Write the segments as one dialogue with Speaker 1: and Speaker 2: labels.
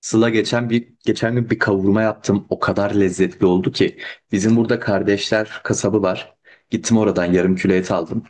Speaker 1: Sıla geçen gün bir kavurma yaptım. O kadar lezzetli oldu ki. Bizim burada kardeşler kasabı var. Gittim oradan yarım kilo et aldım.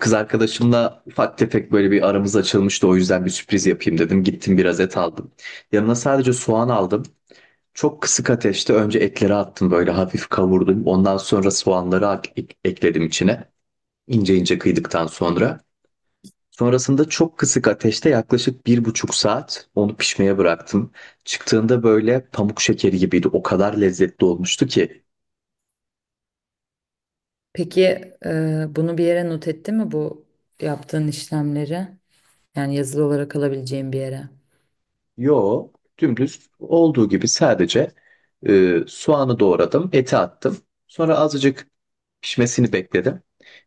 Speaker 1: Kız arkadaşımla ufak tefek böyle bir aramız açılmıştı. O yüzden bir sürpriz yapayım dedim. Gittim biraz et aldım. Yanına sadece soğan aldım. Çok kısık ateşte önce etleri attım, böyle hafif kavurdum. Ondan sonra soğanları ekledim içine. İnce ince kıydıktan sonra. Sonrasında çok kısık ateşte yaklaşık 1,5 saat onu pişmeye bıraktım. Çıktığında böyle pamuk şekeri gibiydi. O kadar lezzetli olmuştu ki.
Speaker 2: Peki, bunu bir yere not etti mi bu yaptığın işlemleri? Yani yazılı olarak alabileceğim bir yere.
Speaker 1: Yo, dümdüz olduğu gibi sadece soğanı doğradım, eti attım. Sonra azıcık pişmesini bekledim.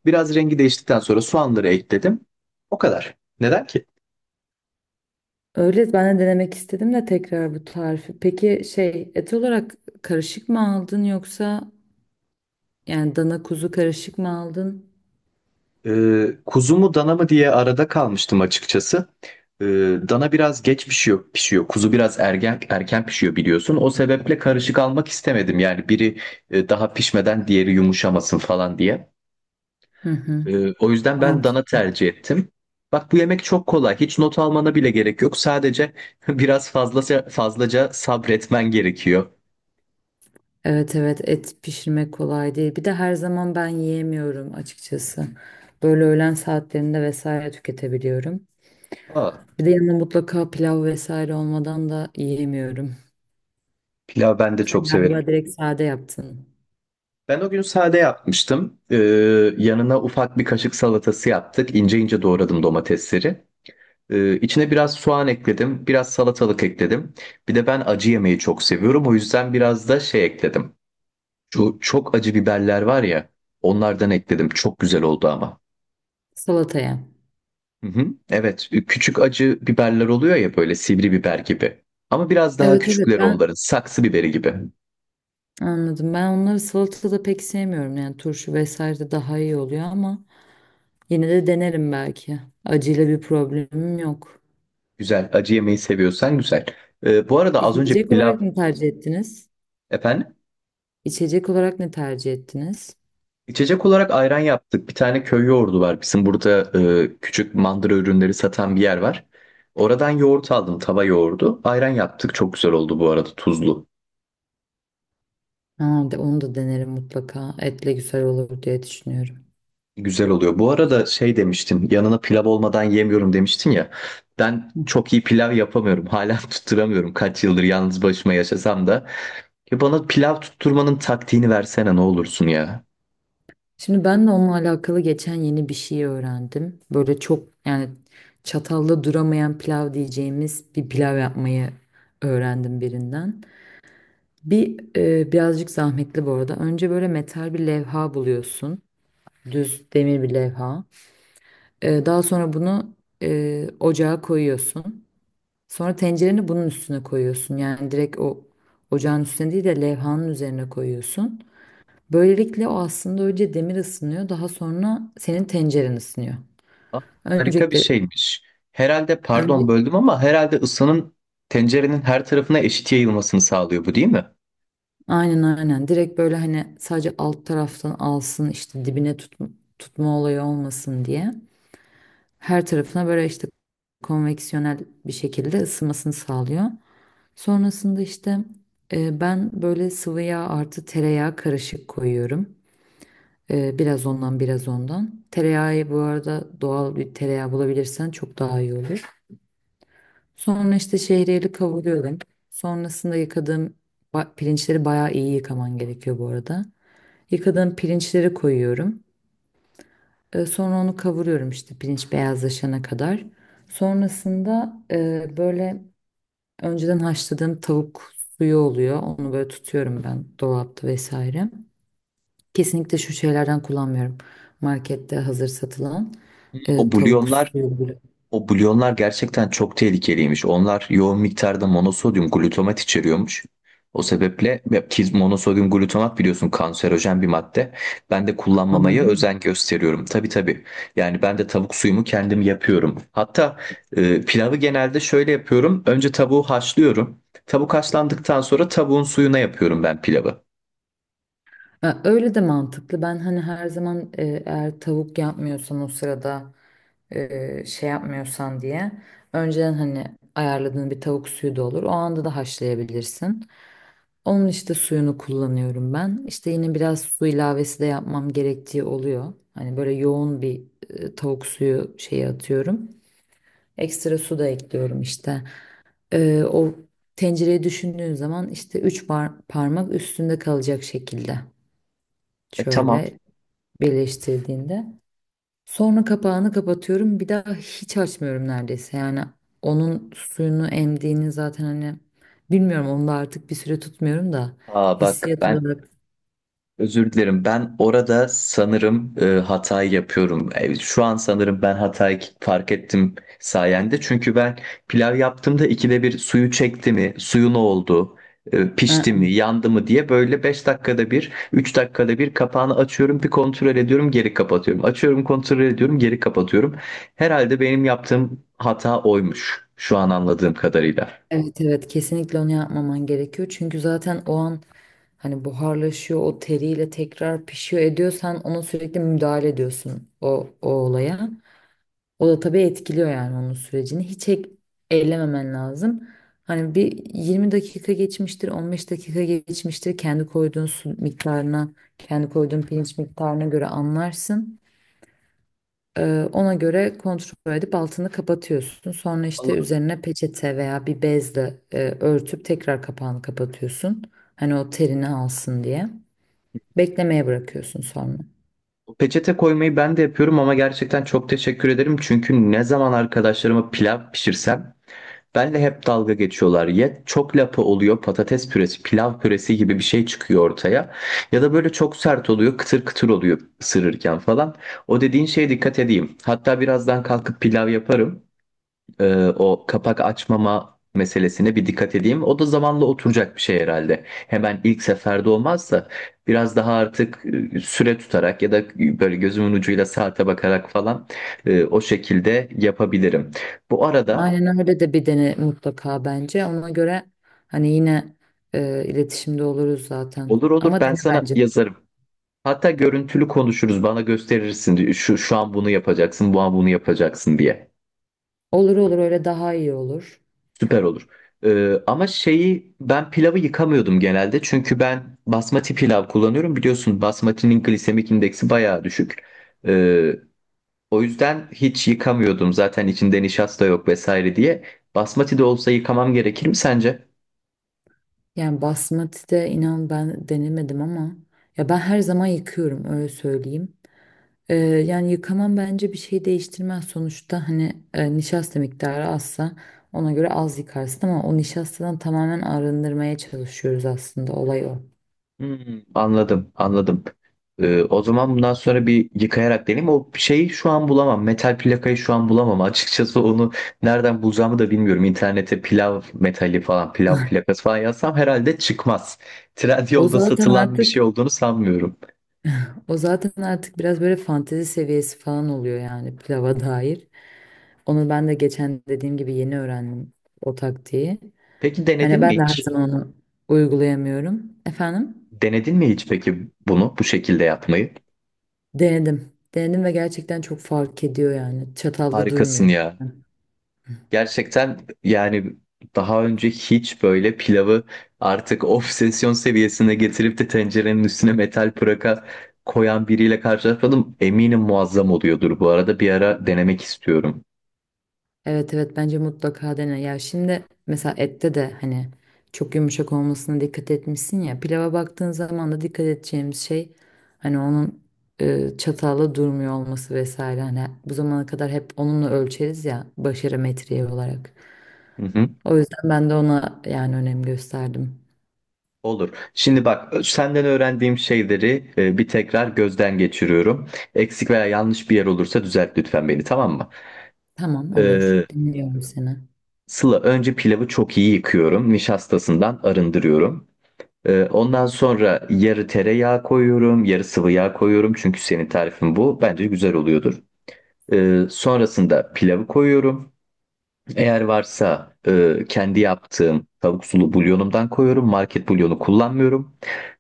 Speaker 1: Biraz rengi değiştikten sonra soğanları ekledim. O kadar. Neden ki?
Speaker 2: Öyle ben de denemek istedim de tekrar bu tarifi. Peki şey, et olarak karışık mı aldın, yoksa yani dana kuzu karışık mı aldın?
Speaker 1: Kuzu mu dana mı diye arada kalmıştım açıkçası. Ee, Dana biraz geç pişiyor. Kuzu biraz erken erken pişiyor, biliyorsun. O sebeple karışık almak istemedim. Yani biri daha pişmeden diğeri yumuşamasın falan diye.
Speaker 2: Hı hı.
Speaker 1: O yüzden ben
Speaker 2: Mantı.
Speaker 1: dana tercih ettim. Bak, bu yemek çok kolay. Hiç not almana bile gerek yok. Sadece biraz fazlaca fazlaca sabretmen gerekiyor.
Speaker 2: Evet evet, et pişirmek kolay değil. Bir de her zaman ben yiyemiyorum açıkçası. Böyle öğlen saatlerinde vesaire tüketebiliyorum.
Speaker 1: Aa,
Speaker 2: Bir de yanına mutlaka pilav vesaire olmadan da yiyemiyorum.
Speaker 1: pilav ben de
Speaker 2: Sen
Speaker 1: çok severim.
Speaker 2: galiba direkt sade yaptın.
Speaker 1: Ben o gün sade yapmıştım. Yanına ufak bir kaşık salatası yaptık. İnce ince doğradım domatesleri. İçine biraz soğan ekledim, biraz salatalık ekledim. Bir de ben acı yemeyi çok seviyorum. O yüzden biraz da şey ekledim. Şu çok acı biberler var ya, onlardan ekledim. Çok güzel oldu ama.
Speaker 2: Salataya.
Speaker 1: Hı hı. Evet, küçük acı biberler oluyor ya, böyle sivri biber gibi. Ama biraz daha
Speaker 2: Evet evet,
Speaker 1: küçükleri
Speaker 2: ben
Speaker 1: onların, saksı biberi gibi.
Speaker 2: anladım. Ben onları salatada pek sevmiyorum. Yani turşu vesaire de daha iyi oluyor ama yine de denerim belki. Acıyla bir problemim yok.
Speaker 1: Güzel, acı yemeyi seviyorsan güzel. Bu arada az önce
Speaker 2: İçecek
Speaker 1: pilav,
Speaker 2: olarak ne tercih ettiniz?
Speaker 1: efendim?
Speaker 2: İçecek olarak ne tercih ettiniz?
Speaker 1: İçecek olarak ayran yaptık. Bir tane köy yoğurdu var. Bizim burada küçük mandıra ürünleri satan bir yer var. Oradan yoğurt aldım, tava yoğurdu. Ayran yaptık. Çok güzel oldu bu arada, tuzlu.
Speaker 2: Ha, de, onu da denerim mutlaka. Etle güzel olur diye düşünüyorum.
Speaker 1: Güzel oluyor. Bu arada şey demiştin, yanına pilav olmadan yemiyorum demiştin ya. Ben çok iyi pilav yapamıyorum. Hala tutturamıyorum. Kaç yıldır yalnız başıma yaşasam da. Ya bana pilav tutturmanın taktiğini versene, ne olursun ya.
Speaker 2: Şimdi ben de onunla alakalı geçen yeni bir şey öğrendim. Böyle çok yani çatalla duramayan pilav diyeceğimiz bir pilav yapmayı öğrendim birinden. Bir, birazcık zahmetli bu arada. Önce böyle metal bir levha buluyorsun. Düz demir bir levha. Daha sonra bunu ocağa koyuyorsun. Sonra tencereni bunun üstüne koyuyorsun. Yani direkt o ocağın üstüne değil de levhanın üzerine koyuyorsun. Böylelikle o aslında önce demir ısınıyor, daha sonra senin tenceren ısınıyor.
Speaker 1: Aa, harika bir
Speaker 2: Öncelikle
Speaker 1: şeymiş. Herhalde,
Speaker 2: önce
Speaker 1: pardon böldüm ama, herhalde ısının tencerenin her tarafına eşit yayılmasını sağlıyor, bu değil mi?
Speaker 2: aynen aynen, direkt böyle hani sadece alt taraftan alsın, işte dibine tut, tutma olayı olmasın diye her tarafına böyle işte konveksiyonel bir şekilde ısınmasını sağlıyor. Sonrasında işte ben böyle sıvı yağ artı tereyağı karışık koyuyorum. Biraz ondan biraz ondan. Tereyağı bu arada, doğal bir tereyağı bulabilirsen çok daha iyi olur. Sonra işte şehriyeli kavuruyorum. Sonrasında yıkadığım pirinçleri bayağı iyi yıkaman gerekiyor bu arada. Yıkadığım pirinçleri koyuyorum. Sonra onu kavuruyorum işte pirinç beyazlaşana kadar. Sonrasında böyle önceden haşladığım tavuk suyu oluyor. Onu böyle tutuyorum ben dolapta vesaire. Kesinlikle şu şeylerden kullanmıyorum. Markette hazır satılan
Speaker 1: O
Speaker 2: tavuk
Speaker 1: bulyonlar
Speaker 2: suyu.
Speaker 1: O bulyonlar gerçekten çok tehlikeliymiş. Onlar yoğun miktarda monosodyum glutamat içeriyormuş. O sebeple, ya ki monosodyum glutamat biliyorsun, kanserojen bir madde. Ben de kullanmamaya
Speaker 2: Anladın mı?
Speaker 1: özen gösteriyorum. Tabii, tabii. Yani ben de tavuk suyumu kendim yapıyorum. Hatta pilavı genelde şöyle yapıyorum. Önce tavuğu haşlıyorum. Tavuk haşlandıktan sonra tavuğun suyuna yapıyorum ben pilavı.
Speaker 2: Ha, öyle de mantıklı. Ben hani her zaman, eğer tavuk yapmıyorsan o sırada, şey yapmıyorsan diye önceden hani ayarladığın bir tavuk suyu da olur. O anda da haşlayabilirsin. Onun işte suyunu kullanıyorum ben. İşte yine biraz su ilavesi de yapmam gerektiği oluyor. Hani böyle yoğun bir tavuk suyu şeyi atıyorum. Ekstra su da ekliyorum işte. O tencereye düşündüğün zaman işte 3 parmak üstünde kalacak şekilde.
Speaker 1: E, tamam.
Speaker 2: Şöyle birleştirdiğinde. Sonra kapağını kapatıyorum. Bir daha hiç açmıyorum neredeyse. Yani onun suyunu emdiğini zaten hani bilmiyorum, onu da artık bir süre tutmuyorum da
Speaker 1: Aa, bak
Speaker 2: hissiyat
Speaker 1: ben
Speaker 2: olarak.
Speaker 1: özür dilerim. Ben orada sanırım hatayı yapıyorum. Şu an sanırım ben hatayı fark ettim sayende. Çünkü ben pilav yaptığımda ikide bir suyu çekti mi, suyu ne oldu, pişti
Speaker 2: Aa,
Speaker 1: mi, yandı mı diye böyle 5 dakikada bir, 3 dakikada bir kapağını açıyorum, bir kontrol ediyorum, geri kapatıyorum. Açıyorum, kontrol ediyorum, geri kapatıyorum. Herhalde benim yaptığım hata oymuş, şu an anladığım kadarıyla.
Speaker 2: evet evet, kesinlikle onu yapmaman gerekiyor. Çünkü zaten o an hani buharlaşıyor, o teriyle tekrar pişiyor, ediyorsan ona sürekli müdahale ediyorsun o olaya. O da tabii etkiliyor yani onun sürecini. Hiç ellememen lazım. Hani bir 20 dakika geçmiştir, 15 dakika geçmiştir. Kendi koyduğun su miktarına, kendi koyduğun pirinç miktarına göre anlarsın. Ona göre kontrol edip altını kapatıyorsun. Sonra işte üzerine peçete veya bir bezle örtüp tekrar kapağını kapatıyorsun. Hani o terini alsın diye. Beklemeye bırakıyorsun sonra.
Speaker 1: Peçete koymayı ben de yapıyorum ama gerçekten çok teşekkür ederim. Çünkü ne zaman arkadaşlarıma pilav pişirsem benle hep dalga geçiyorlar. Ya çok lapa oluyor, patates püresi, pilav püresi gibi bir şey çıkıyor ortaya. Ya da böyle çok sert oluyor, kıtır kıtır oluyor ısırırken falan. O dediğin şeye dikkat edeyim. Hatta birazdan kalkıp pilav yaparım, o kapak açmama meselesine bir dikkat edeyim. O da zamanla oturacak bir şey herhalde. Hemen ilk seferde olmazsa biraz daha artık süre tutarak ya da böyle gözümün ucuyla saate bakarak falan, o şekilde yapabilirim. Bu arada
Speaker 2: Aynen öyle, de bir dene mutlaka bence. Ona göre hani yine iletişimde oluruz zaten.
Speaker 1: olur, olur,
Speaker 2: Ama
Speaker 1: ben
Speaker 2: dene
Speaker 1: sana
Speaker 2: bence.
Speaker 1: yazarım. Hatta görüntülü konuşuruz, bana gösterirsin şu, şu an bunu yapacaksın, bu an bunu yapacaksın diye.
Speaker 2: Olur olur, öyle daha iyi olur.
Speaker 1: Süper olur. Ama şeyi, ben pilavı yıkamıyordum genelde. Çünkü ben basmati pilav kullanıyorum. Biliyorsun, basmatinin glisemik indeksi bayağı düşük. Ee, O yüzden hiç yıkamıyordum. Zaten içinde nişasta yok vesaire diye. Basmati de olsa yıkamam gerekir mi sence?
Speaker 2: Yani basmati de inan ben denemedim ama ya, ben her zaman yıkıyorum, öyle söyleyeyim. Yani yıkamam bence bir şey değiştirmez. Sonuçta hani nişasta miktarı azsa ona göre az yıkarsın ama o nişastadan tamamen arındırmaya çalışıyoruz, aslında olay o.
Speaker 1: Hmm, anladım, anladım. O zaman bundan sonra bir yıkayarak deneyeyim. O şeyi şu an bulamam. Metal plakayı şu an bulamam. Açıkçası onu nereden bulacağımı da bilmiyorum. İnternete pilav metali falan, pilav plakası falan yazsam herhalde çıkmaz.
Speaker 2: O
Speaker 1: Trendyol'da
Speaker 2: zaten
Speaker 1: satılan bir
Speaker 2: artık
Speaker 1: şey olduğunu sanmıyorum.
Speaker 2: O zaten artık biraz böyle fantezi seviyesi falan oluyor yani pilava dair. Onu ben de geçen dediğim gibi yeni öğrendim o taktiği.
Speaker 1: Peki
Speaker 2: Hani
Speaker 1: denedin mi
Speaker 2: ben de her
Speaker 1: hiç?
Speaker 2: zaman onu uygulayamıyorum. Efendim?
Speaker 1: Denedin mi hiç peki, bunu bu şekilde yapmayı?
Speaker 2: Denedim. Denedim ve gerçekten çok fark ediyor yani. Çatallı
Speaker 1: Harikasın
Speaker 2: durmuyor.
Speaker 1: ya. Gerçekten yani, daha önce hiç böyle pilavı artık obsesyon seviyesine getirip de tencerenin üstüne metal pıraka koyan biriyle karşılaşmadım. Eminim muazzam oluyordur bu arada. Bir ara denemek istiyorum.
Speaker 2: Evet evet, bence mutlaka dene. Ya şimdi mesela ette de hani çok yumuşak olmasına dikkat etmişsin ya. Pilava baktığın zaman da dikkat edeceğimiz şey hani onun çatalla durmuyor olması vesaire. Hani bu zamana kadar hep onunla ölçeriz ya, başarı metriği olarak.
Speaker 1: Hı hı.
Speaker 2: O yüzden ben de ona yani önem gösterdim.
Speaker 1: Olur. Şimdi bak, senden öğrendiğim şeyleri bir tekrar gözden geçiriyorum. Eksik veya yanlış bir yer olursa düzelt lütfen beni, tamam mı?
Speaker 2: Tamam, olur.
Speaker 1: Ee,
Speaker 2: Dinliyorum seni.
Speaker 1: Sıla, önce pilavı çok iyi yıkıyorum. Nişastasından arındırıyorum. Ondan sonra yarı tereyağı koyuyorum, yarı sıvı yağ koyuyorum. Çünkü senin tarifin bu. Bence güzel oluyordur. Sonrasında pilavı koyuyorum. Eğer varsa kendi yaptığım tavuk sulu bulyonumdan koyuyorum. Market bulyonu kullanmıyorum.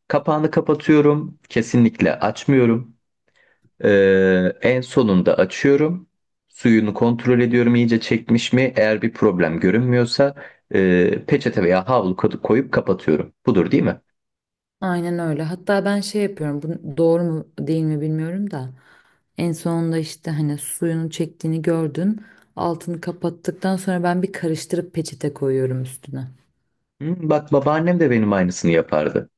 Speaker 1: Kapağını kapatıyorum. Kesinlikle açmıyorum. En sonunda açıyorum. Suyunu kontrol ediyorum, iyice çekmiş mi? Eğer bir problem görünmüyorsa peçete veya havlu koyup kapatıyorum. Budur değil mi?
Speaker 2: Aynen öyle. Hatta ben şey yapıyorum. Bu doğru mu değil mi bilmiyorum da. En sonunda işte hani suyunu çektiğini gördün. Altını kapattıktan sonra ben bir karıştırıp peçete koyuyorum üstüne.
Speaker 1: Hmm, bak babaannem de benim aynısını yapardı.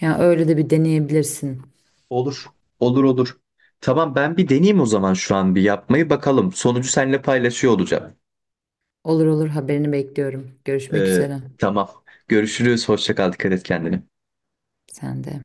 Speaker 2: Yani öyle de bir deneyebilirsin.
Speaker 1: Olur. Olur, olur. Tamam, ben bir deneyeyim o zaman, şu an bir yapmayı bakalım. Sonucu seninle paylaşıyor olacağım.
Speaker 2: Olur olur, haberini bekliyorum. Görüşmek
Speaker 1: Ee,
Speaker 2: üzere.
Speaker 1: tamam. Görüşürüz. Hoşça kal. Dikkat et kendine.
Speaker 2: Sen de.